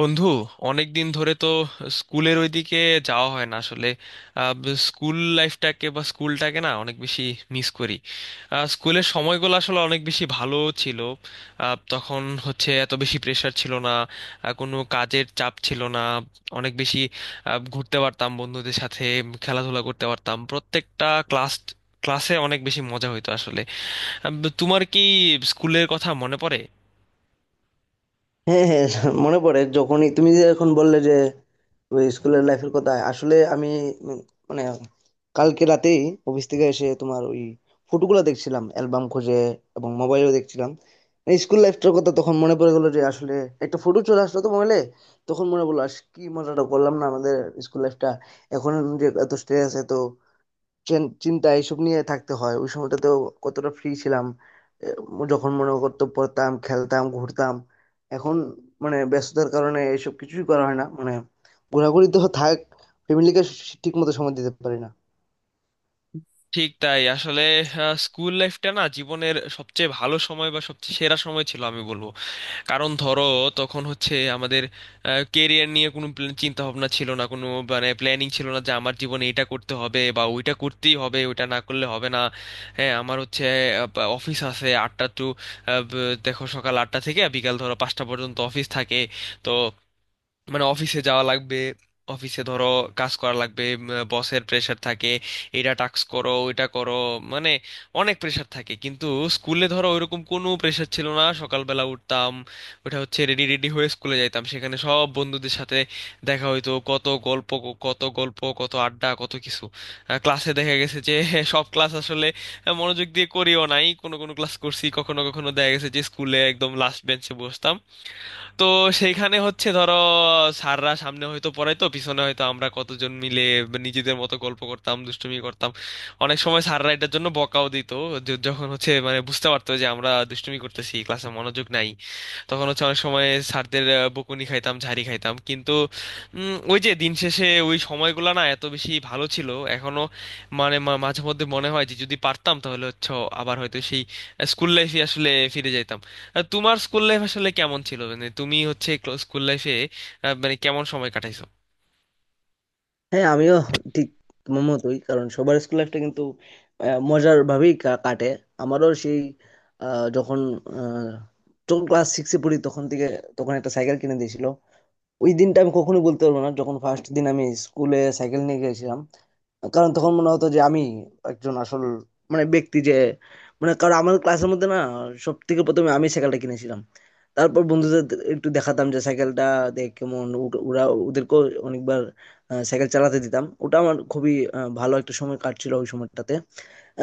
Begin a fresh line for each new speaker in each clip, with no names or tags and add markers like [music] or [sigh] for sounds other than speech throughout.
বন্ধু, অনেক দিন ধরে তো স্কুলের ওইদিকে যাওয়া হয় না আসলে। স্কুল লাইফটাকে বা স্কুলটাকে না অনেক বেশি মিস করি। স্কুলের সময়গুলো আসলে অনেক বেশি ভালো ছিল। তখন হচ্ছে এত বেশি প্রেশার ছিল না। কোনো কাজের চাপ ছিল না অনেক বেশি। ঘুরতে পারতাম বন্ধুদের সাথে, খেলাধুলা করতে পারতাম। প্রত্যেকটা ক্লাসে অনেক বেশি মজা হইতো আসলে। আহ, তোমার কি স্কুলের কথা মনে পড়ে?
হ্যাঁ, হ্যাঁ, মনে পড়ে। যখনই তুমি যে এখন বললে যে ওই স্কুলের লাইফের কথা, আসলে আমি উম মানে কালকে রাতেই অফিস থেকে এসে তোমার ওই ফটোগুলো দেখছিলাম অ্যালবাম খুঁজে, এবং মোবাইলেও দেখছিলাম। এই স্কুল লাইফটার কথা তখন মনে পড়ে গেলো যে আসলে একটা ফটো চলে আসলো তো মোবাইলে, তখন মনে পড়লো আস কি মজাটা করলাম না আমাদের স্কুল লাইফটা। এখন যে এত স্ট্রেস, এত চিন্তা এইসব নিয়ে থাকতে হয়, ওই সময়টাতেও কতটা ফ্রি ছিলাম। এ, যখন মনে করতো পড়তাম, খেলতাম, ঘুরতাম। এখন মানে ব্যস্ততার কারণে এসব কিছুই করা হয় না, মানে ঘোরাঘুরি তো থাক, ফ্যামিলিকে ঠিক মতো সময় দিতে পারি না।
ঠিক তাই আসলে। আহ, স্কুল লাইফটা না জীবনের সবচেয়ে ভালো সময় বা সবচেয়ে সেরা সময় ছিল আমি বলবো। কারণ ধরো, তখন হচ্ছে আমাদের কেরিয়ার নিয়ে কোনো চিন্তা ভাবনা ছিল না, কোনো মানে প্ল্যানিং ছিল না যে আমার জীবনে এটা করতে হবে বা ওইটা করতেই হবে, ওইটা না করলে হবে না। হ্যাঁ, আমার হচ্ছে অফিস আছে 8টা টু, দেখো সকাল 8টা থেকে বিকাল ধরো 5টা পর্যন্ত অফিস থাকে। তো মানে অফিসে যাওয়া লাগবে, অফিসে ধরো কাজ করা লাগবে, বসের প্রেশার থাকে, এটা টাস্ক করো ওইটা করো, মানে অনেক প্রেশার থাকে। কিন্তু স্কুলে ধরো ওইরকম কোনো প্রেশার ছিল না। সকালবেলা উঠতাম, ওটা হচ্ছে রেডি রেডি হয়ে স্কুলে যাইতাম। সেখানে সব বন্ধুদের সাথে দেখা হইতো, কত গল্প, কত গল্প, কত আড্ডা, কত কিছু। ক্লাসে দেখা গেছে যে [laughs] সব ক্লাস আসলে মনোযোগ দিয়ে করিও নাই, কোনো কোনো ক্লাস করছি, কখনো কখনো দেখা গেছে যে স্কুলে একদম লাস্ট বেঞ্চে বসতাম। তো সেইখানে হচ্ছে ধরো, স্যাররা সামনে হয়তো পড়াইতো, পিছনে হয়তো আমরা কতজন মিলে নিজেদের মতো গল্প করতাম, দুষ্টুমি করতাম। অনেক সময় স্যাররা এটার জন্য বকাও দিত, যখন হচ্ছে মানে বুঝতে পারতো যে আমরা দুষ্টুমি করতেছি, ক্লাসে মনোযোগ নাই, তখন হচ্ছে অনেক সময় স্যারদের বকুনি খাইতাম, ঝাড়ি খাইতাম। কিন্তু ওই যে দিন শেষে ওই সময়গুলো না এত বেশি ভালো ছিল। এখনো মানে মাঝে মধ্যে মনে হয় যে যদি পারতাম তাহলে হচ্ছে আবার হয়তো সেই স্কুল লাইফে আসলে ফিরে যাইতাম। তোমার স্কুল লাইফ আসলে কেমন ছিল? মানে তুমি হচ্ছে স্কুল লাইফে মানে কেমন সময় কাটাইছো?
হ্যাঁ, আমিও ঠিক তোমার মতোই, কারণ সবার স্কুল লাইফটা কিন্তু মজার ভাবেই কাটে। আমারও সেই আহ, যখন আহ, যখন ক্লাস সিক্সে পড়ি তখন থেকে, তখন একটা সাইকেল কিনে দিয়েছিল। ওই দিনটা আমি কখনোই বলতে পারবো না, যখন ফার্স্ট দিন আমি স্কুলে সাইকেল নিয়ে গেছিলাম। কারণ তখন মনে হতো যে আমি একজন আসল মানে ব্যক্তি যে, মানে কারণ আমার ক্লাসের মধ্যে না সব থেকে প্রথমে আমি সাইকেলটা কিনেছিলাম। তারপর বন্ধুদের একটু দেখাতাম যে সাইকেলটা, দেখ কেমন। ওরা, ওদেরকেও অনেকবার সাইকেল চালাতে দিতাম। ওটা আমার খুবই ভালো একটা সময় কাটছিল ওই সময়টাতে।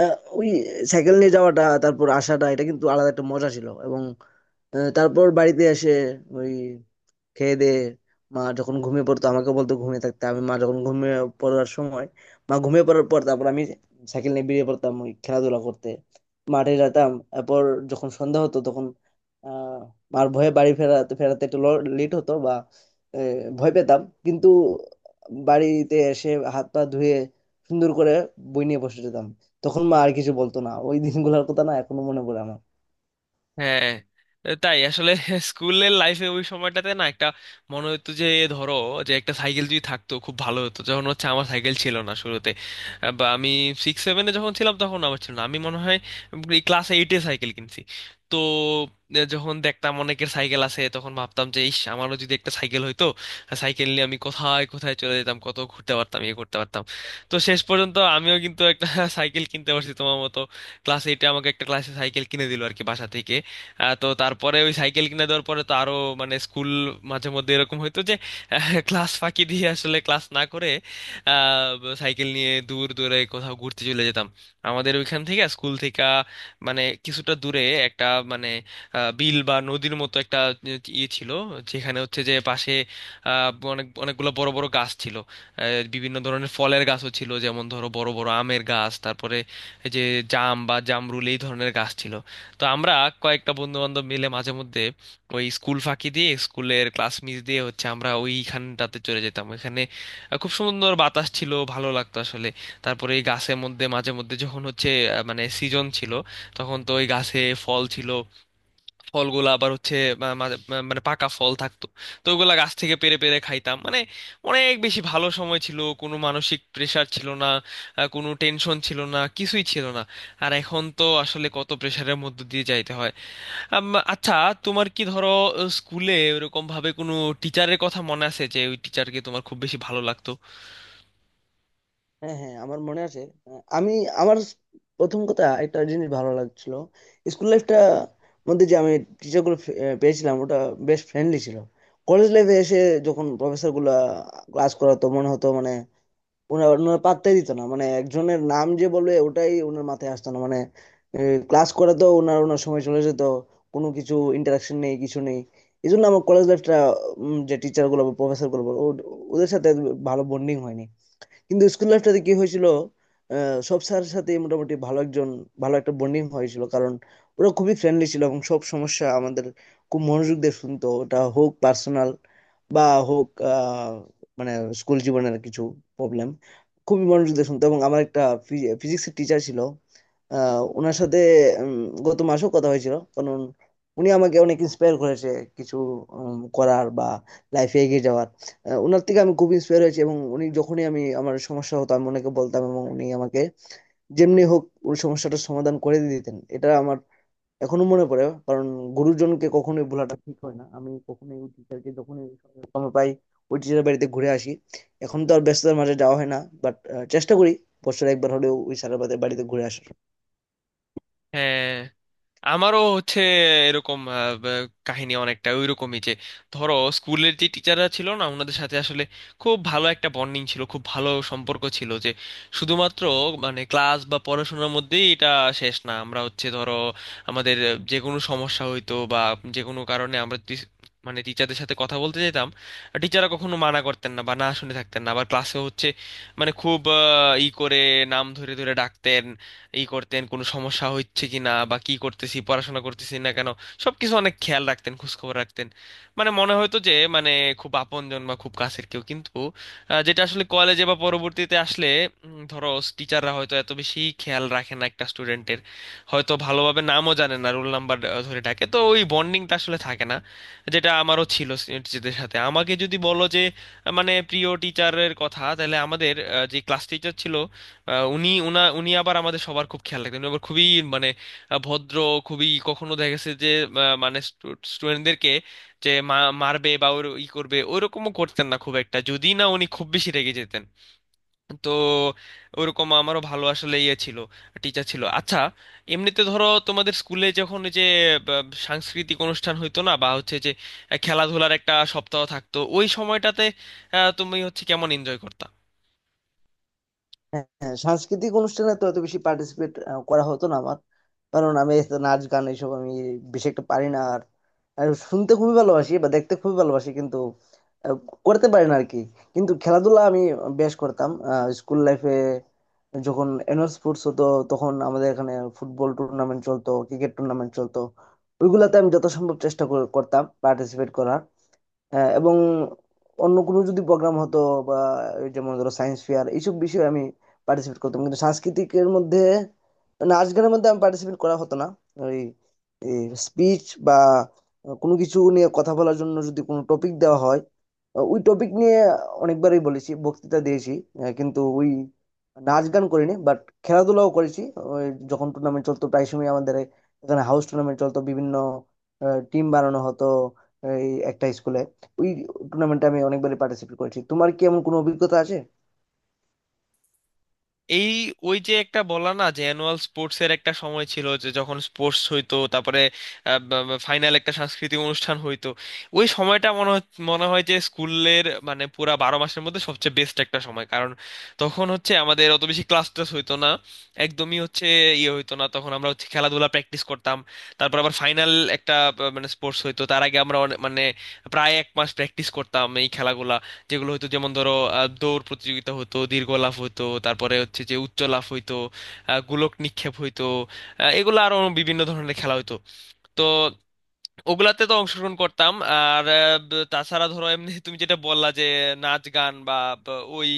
আহ, ওই সাইকেল নিয়ে যাওয়াটা তারপর আসাটা এটা কিন্তু আলাদা একটা মজা ছিল। এবং তারপর বাড়িতে এসে ওই খেয়ে দেয়ে, মা যখন ঘুমিয়ে পড়তো, আমাকে বলতো ঘুমিয়ে থাকতে। আমি মা যখন ঘুমিয়ে পড়ার সময়, মা ঘুমিয়ে পড়ার পর তারপর আমি সাইকেল নিয়ে বেরিয়ে পড়তাম ওই খেলাধুলা করতে, মাঠে যেতাম। এরপর যখন সন্ধ্যা হতো, তখন আহ মার ভয়ে বাড়ি ফেরাতে ফেরাতে একটু লেট হতো, বা আহ, ভয় পেতাম। কিন্তু বাড়িতে এসে হাত পা ধুয়ে সুন্দর করে বই নিয়ে বসে যেতাম, তখন মা আর কিছু বলতো না। ওই দিনগুলোর কথা না এখনো মনে পড়ে আমার।
হ্যাঁ, তাই আসলে। স্কুলের লাইফে ওই সময়টাতে না একটা মনে হতো যে ধরো যে একটা সাইকেল যদি থাকতো খুব ভালো হতো। যখন হচ্ছে আমার সাইকেল ছিল না শুরুতে, বা আমি সিক্স সেভেনে যখন ছিলাম তখন আমার ছিল না, আমি মনে হয় ক্লাস এইটে সাইকেল কিনছি। তো যখন দেখতাম অনেকের সাইকেল আছে তখন ভাবতাম যে ইস আমারও যদি একটা সাইকেল হইতো, সাইকেল নিয়ে আমি কোথায় কোথায় চলে যেতাম, কত ঘুরতে পারতাম, ইয়ে করতে পারতাম। তো শেষ পর্যন্ত আমিও কিন্তু একটা [laughs] সাইকেল কিনতে পারছি তোমার মতো। ক্লাস এইটে আমাকে একটা ক্লাসে সাইকেল কিনে দিল আর কি, বাসা থেকে। তো তারপরে ওই সাইকেল কিনে দেওয়ার পরে তো আরো মানে স্কুল মাঝে মধ্যে এরকম হইতো যে ক্লাস ফাঁকি দিয়ে আসলে ক্লাস না করে সাইকেল নিয়ে দূর দূরে কোথাও ঘুরতে চলে যেতাম। আমাদের ওইখান থেকে, স্কুল থেকে মানে কিছুটা দূরে একটা মানে বিল বা নদীর মতো একটা ইয়ে ছিল, যেখানে হচ্ছে যে পাশে অনেক অনেকগুলো বড় বড় গাছ ছিল। আহ, বিভিন্ন ধরনের ফলের গাছও ছিল, যেমন ধরো বড় বড় আমের গাছ, তারপরে এই যে জাম বা জামরুল, এই ধরনের গাছ ছিল। তো আমরা কয়েকটা বন্ধু বান্ধব মিলে মাঝে মধ্যে ওই স্কুল ফাঁকি দিয়ে, স্কুলের ক্লাস মিস দিয়ে হচ্ছে আমরা ওইখানটাতে চলে যেতাম। ওইখানে খুব সুন্দর বাতাস ছিল, ভালো লাগতো আসলে। তারপরে এই গাছের মধ্যে মাঝে মধ্যে যখন হচ্ছে মানে সিজন ছিল, তখন তো ওই গাছে ফল ছিল। ফলগুলো আবার হচ্ছে মা- মা- মা- মানে পাকা ফল থাকতো। তো ওগুলা গাছ থেকে পেড়ে পেড়ে খাইতাম। মানে অনেক বেশি ভালো সময় ছিল, কোনো মানসিক প্রেশার ছিল না, কোনো টেনশন ছিল না, কিছুই ছিল না। আর এখন তো আসলে কত প্রেশারের মধ্যে দিয়ে যাইতে হয়। আম, আচ্ছা, তোমার কি ধরো স্কুলে ওরকম ভাবে কোনো টিচারের কথা মনে আছে যে ওই টিচারকে তোমার খুব বেশি ভালো লাগতো?
হ্যাঁ, হ্যাঁ, আমার মনে আছে। আহ, আমি আমার প্রথম কথা একটা জিনিস ভালো লাগছিল স্কুল লাইফটা মধ্যে, যে আমি টিচার গুলো পেয়েছিলাম, ওটা বেশ ফ্রেন্ডলি ছিল। কলেজ লাইফে এসে যখন প্রফেসর গুলা ক্লাস করাতো, মনে হতো মানে ওনারা ওনারা পাত্তাই দিত না। মানে একজনের নাম যে বলবে ওটাই ওনার মাথায় আসতো না, মানে ক্লাস করাতো, ওনার ওনার সময় চলে যেত, কোনো কিছু ইন্টারাকশন নেই, কিছু নেই। এই জন্য আমার কলেজ লাইফটা, যে টিচার গুলো বা প্রফেসর গুলো বলো, ওদের সাথে ভালো বন্ডিং হয়নি। কিন্তু স্কুল লাইফটাতে কি হয়েছিল, সব স্যারের সাথে মোটামুটি ভালো একজন ভালো একটা বন্ডিং হয়েছিল, কারণ ওরা খুবই ফ্রেন্ডলি ছিল। এবং সব সমস্যা আমাদের খুব মনোযোগ দিয়ে শুনতো, ওটা হোক পার্সোনাল বা হোক মানে স্কুল জীবনের কিছু প্রবলেম, খুবই মনোযোগ দিয়ে শুনতো। এবং আমার একটা ফিজিক্সের টিচার ছিল, ওনার সাথে উম, গত মাসেও কথা হয়েছিল। কারণ উনি আমাকে অনেক ইন্সপায়ার করেছে কিছু করার বা লাইফে এগিয়ে যাওয়ার। ওনার থেকে আমি খুব ইন্সপায়ার হয়েছি। এবং উনি যখনই আমি আমার সমস্যা হতো আমি ওনাকে বলতাম, এবং উনি আমাকে যেমনি হোক ওই সমস্যাটার সমাধান করে দিতেন। এটা আমার এখনো মনে পড়ে, কারণ গুরুজনকে কখনোই ভোলাটা ঠিক হয় না। আমি কখনোই ওই টিচারকে, যখনই সময় পাই ওই টিচারের বাড়িতে ঘুরে আসি। এখন তো আর ব্যস্ততার মাঝে যাওয়া হয় না, বাট চেষ্টা করি বছরে একবার হলেও ওই স্যারের বাড়িতে বাড়িতে ঘুরে আসার।
হ্যাঁ, আমারও হচ্ছে এরকম কাহিনী অনেকটা ওইরকমই, যে ধরো স্কুলের যে টিচাররা ছিল না ওনাদের সাথে আসলে খুব ভালো একটা বন্ডিং ছিল, খুব ভালো সম্পর্ক ছিল, যে শুধুমাত্র মানে ক্লাস বা পড়াশোনার মধ্যেই এটা শেষ না। আমরা হচ্ছে ধরো আমাদের যে কোনো সমস্যা হইতো বা যে কোনো কারণে আমরা মানে টিচারদের সাথে কথা বলতে যেতাম, টিচাররা কখনো মানা করতেন না বা না শুনে থাকতেন না। আবার ক্লাসে হচ্ছে মানে খুব ই করে নাম ধরে ধরে ডাকতেন, ই করতেন কোনো সমস্যা হচ্ছে কি না বা কি করতেছি, পড়াশোনা করতেছি না কেন। সবকিছু অনেক খেয়াল রাখতেন, খোঁজখবর রাখতেন। মানে মনে হতো যে মানে খুব আপনজন বা খুব কাছের কেউ। কিন্তু যেটা আসলে কলেজে বা পরবর্তীতে আসলে ধরো টিচাররা হয়তো এত বেশি খেয়াল রাখে না একটা স্টুডেন্টের, হয়তো ভালোভাবে নামও জানে না, রোল নাম্বার ধরে ডাকে, তো ওই বন্ডিংটা আসলে থাকে না, যেটা আমারও ছিল টিচারদের সাথে। আমাকে যদি বলো যে মানে প্রিয় টিচারের কথা, তাহলে আমাদের যে ক্লাস টিচার ছিল, আহ, উনি উনা উনি আবার আমাদের সবার খুব খেয়াল রাখতেন। উনি আবার খুবই মানে ভদ্র, খুবই। কখনো দেখা গেছে যে মানে স্টুডেন্টদেরকে যে মারবে বা ওর ই করবে ওইরকমও করতেন না খুব একটা, যদি না উনি খুব বেশি রেগে যেতেন। তো ওরকম আমারও ভালো আসলে ইয়ে ছিল, টিচার ছিল। আচ্ছা, এমনিতে ধরো তোমাদের স্কুলে যখন ওই যে বা, সাংস্কৃতিক অনুষ্ঠান হইতো না, বা হচ্ছে যে খেলাধুলার একটা সপ্তাহ থাকতো ওই সময়টাতে, তুমি হচ্ছে কেমন এনজয় করতা?
হ্যাঁ, হ্যাঁ, সাংস্কৃতিক অনুষ্ঠানে তো এত বেশি পার্টিসিপেট করা হতো না আমার। কারণ আমি এত নাচ গান এইসব আমি বেশি একটা পারি না। আর আর শুনতে খুবই ভালোবাসি বা দেখতে খুবই ভালোবাসি, কিন্তু আহ, করতে পারি না আর কি। কিন্তু খেলাধুলা আমি বেশ করতাম স্কুল লাইফে। যখন অ্যানুয়াল স্পোর্টস হতো তখন আমাদের এখানে ফুটবল টুর্নামেন্ট চলতো, ক্রিকেট টুর্নামেন্ট চলতো, ওইগুলাতে আমি যত সম্ভব চেষ্টা করতাম পার্টিসিপেট করার। হ্যাঁ, এবং অন্য কোনো যদি প্রোগ্রাম হতো, বা এই যেমন ধরো সায়েন্স ফেয়ার, এইসব বিষয়ে আমি পার্টিসিপেট করতাম। কিন্তু সাংস্কৃতিকের মধ্যে, নাচ গানের মধ্যে আমি পার্টিসিপেট করা হতো না। ওই স্পিচ বা কোনো কিছু নিয়ে কথা বলার জন্য যদি কোনো টপিক দেওয়া হয়, ওই টপিক নিয়ে অনেকবারই বলেছি, বক্তৃতা দিয়েছি। কিন্তু ওই নাচ গান করিনি, বাট খেলাধুলাও করেছি। ওই যখন টুর্নামেন্ট চলতো, প্রায় সময় আমাদের এখানে হাউস টুর্নামেন্ট চলতো, বিভিন্ন টিম বানানো হতো এই একটা স্কুলে। ওই টুর্নামেন্টে আমি অনেকবারই পার্টিসিপেট করেছি। তোমার কি এমন কোনো অভিজ্ঞতা আছে?
এই, ওই যে একটা বলা না যে অ্যানুয়াল স্পোর্টস এর একটা সময় ছিল, যে যখন স্পোর্টস হইতো তারপরে ফাইনাল একটা সাংস্কৃতিক অনুষ্ঠান হইতো। ওই সময়টা মনে হয় যে স্কুলের মানে পুরা 12 মাসের মধ্যে সবচেয়ে বেস্ট একটা সময়, কারণ তখন হচ্ছে আমাদের অত বেশি ক্লাস টাস হইতো না, একদমই হচ্ছে ইয়ে হইতো না। তখন আমরা হচ্ছে খেলাধুলা প্র্যাকটিস করতাম। তারপর আবার ফাইনাল একটা মানে স্পোর্টস হইতো, তার আগে আমরা মানে প্রায় এক মাস প্র্যাকটিস করতাম এই খেলাগুলা, যেগুলো হতো যেমন ধরো দৌড় প্রতিযোগিতা হতো, দীর্ঘ লাফ হতো, তারপরে হচ্ছে যে উচ্চ লাফ হইতো, গোলক নিক্ষেপ হইতো, এগুলো আরো বিভিন্ন ধরনের খেলা হতো। তো ওগুলাতে তো অংশগ্রহণ করতাম। আর তাছাড়া ধরো এমনি তুমি যেটা বললা যে নাচ গান বা ওই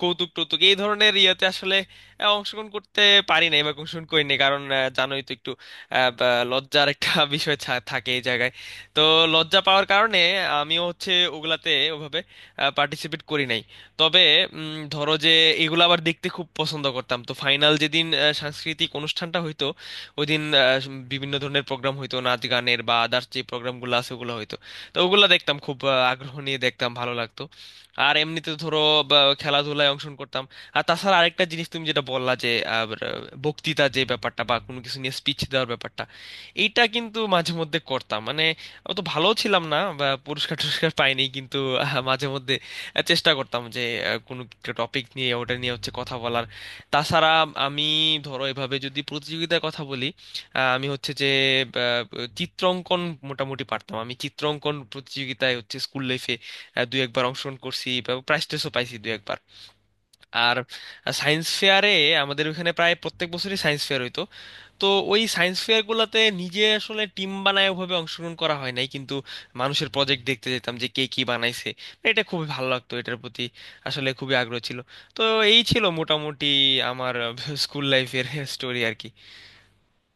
কৌতুক টৌতুক এই ধরনের ইয়েতে আসলে অংশগ্রহণ করতে পারি নাই বা অংশগ্রহণ করিনি, কারণ জানোই তো একটু লজ্জার একটা [laughs] বিষয় থাকে এই জায়গায়। তো লজ্জা পাওয়ার কারণে আমিও হচ্ছে ওগুলাতে ওভাবে পার্টিসিপেট করি নাই। তবে ধরো যে এগুলো আবার দেখতে খুব পছন্দ করতাম। তো ফাইনাল যেদিন সাংস্কৃতিক অনুষ্ঠানটা হইতো ওই দিন বিভিন্ন ধরনের প্রোগ্রাম হইতো, নাচ গানের বা আদার্স যে প্রোগ্রামগুলো আছে ওগুলো হইতো। তো ওগুলো দেখতাম, খুব আগ্রহ নিয়ে দেখতাম, ভালো লাগতো। আর এমনিতে ধরো খেলাধুলায় অংশগ্রহণ করতাম। আর তাছাড়া আরেকটা জিনিস তুমি যেটা বললা যে বক্তৃতা যে ব্যাপারটা বা কোনো কিছু নিয়ে স্পিচ দেওয়ার ব্যাপারটা, এইটা কিন্তু মাঝে মধ্যে করতাম। মানে অত ভালো ছিলাম না বা পুরস্কার টুরস্কার পাইনি, কিন্তু মাঝে মধ্যে চেষ্টা করতাম যে কোনো একটা টপিক নিয়ে ওটা নিয়ে হচ্ছে কথা বলার। তাছাড়া আমি ধরো এভাবে যদি প্রতিযোগিতার কথা বলি, আমি হচ্ছে যে আহ, চিত্রাঙ্কন মোটামুটি পারতাম। আমি চিত্রাঙ্কন প্রতিযোগিতায় হচ্ছে স্কুল লাইফে দু একবার অংশগ্রহণ করছি বা প্রাইজ টাইজও পাইছি দু একবার। আর সায়েন্স ফেয়ারে আমাদের ওখানে প্রায় প্রত্যেক বছরই সায়েন্স ফেয়ার হইতো। তো ওই সায়েন্স ফেয়ারগুলোতে নিজে আসলে টিম বানায় ওভাবে অংশগ্রহণ করা হয় নাই, কিন্তু মানুষের প্রজেক্ট দেখতে যেতাম যে কে কি বানাইছে। এটা খুবই ভালো লাগতো, এটার প্রতি আসলে খুবই আগ্রহ ছিল। তো এই ছিল মোটামুটি আমার [laughs] স্কুল লাইফের স্টোরি আর কি।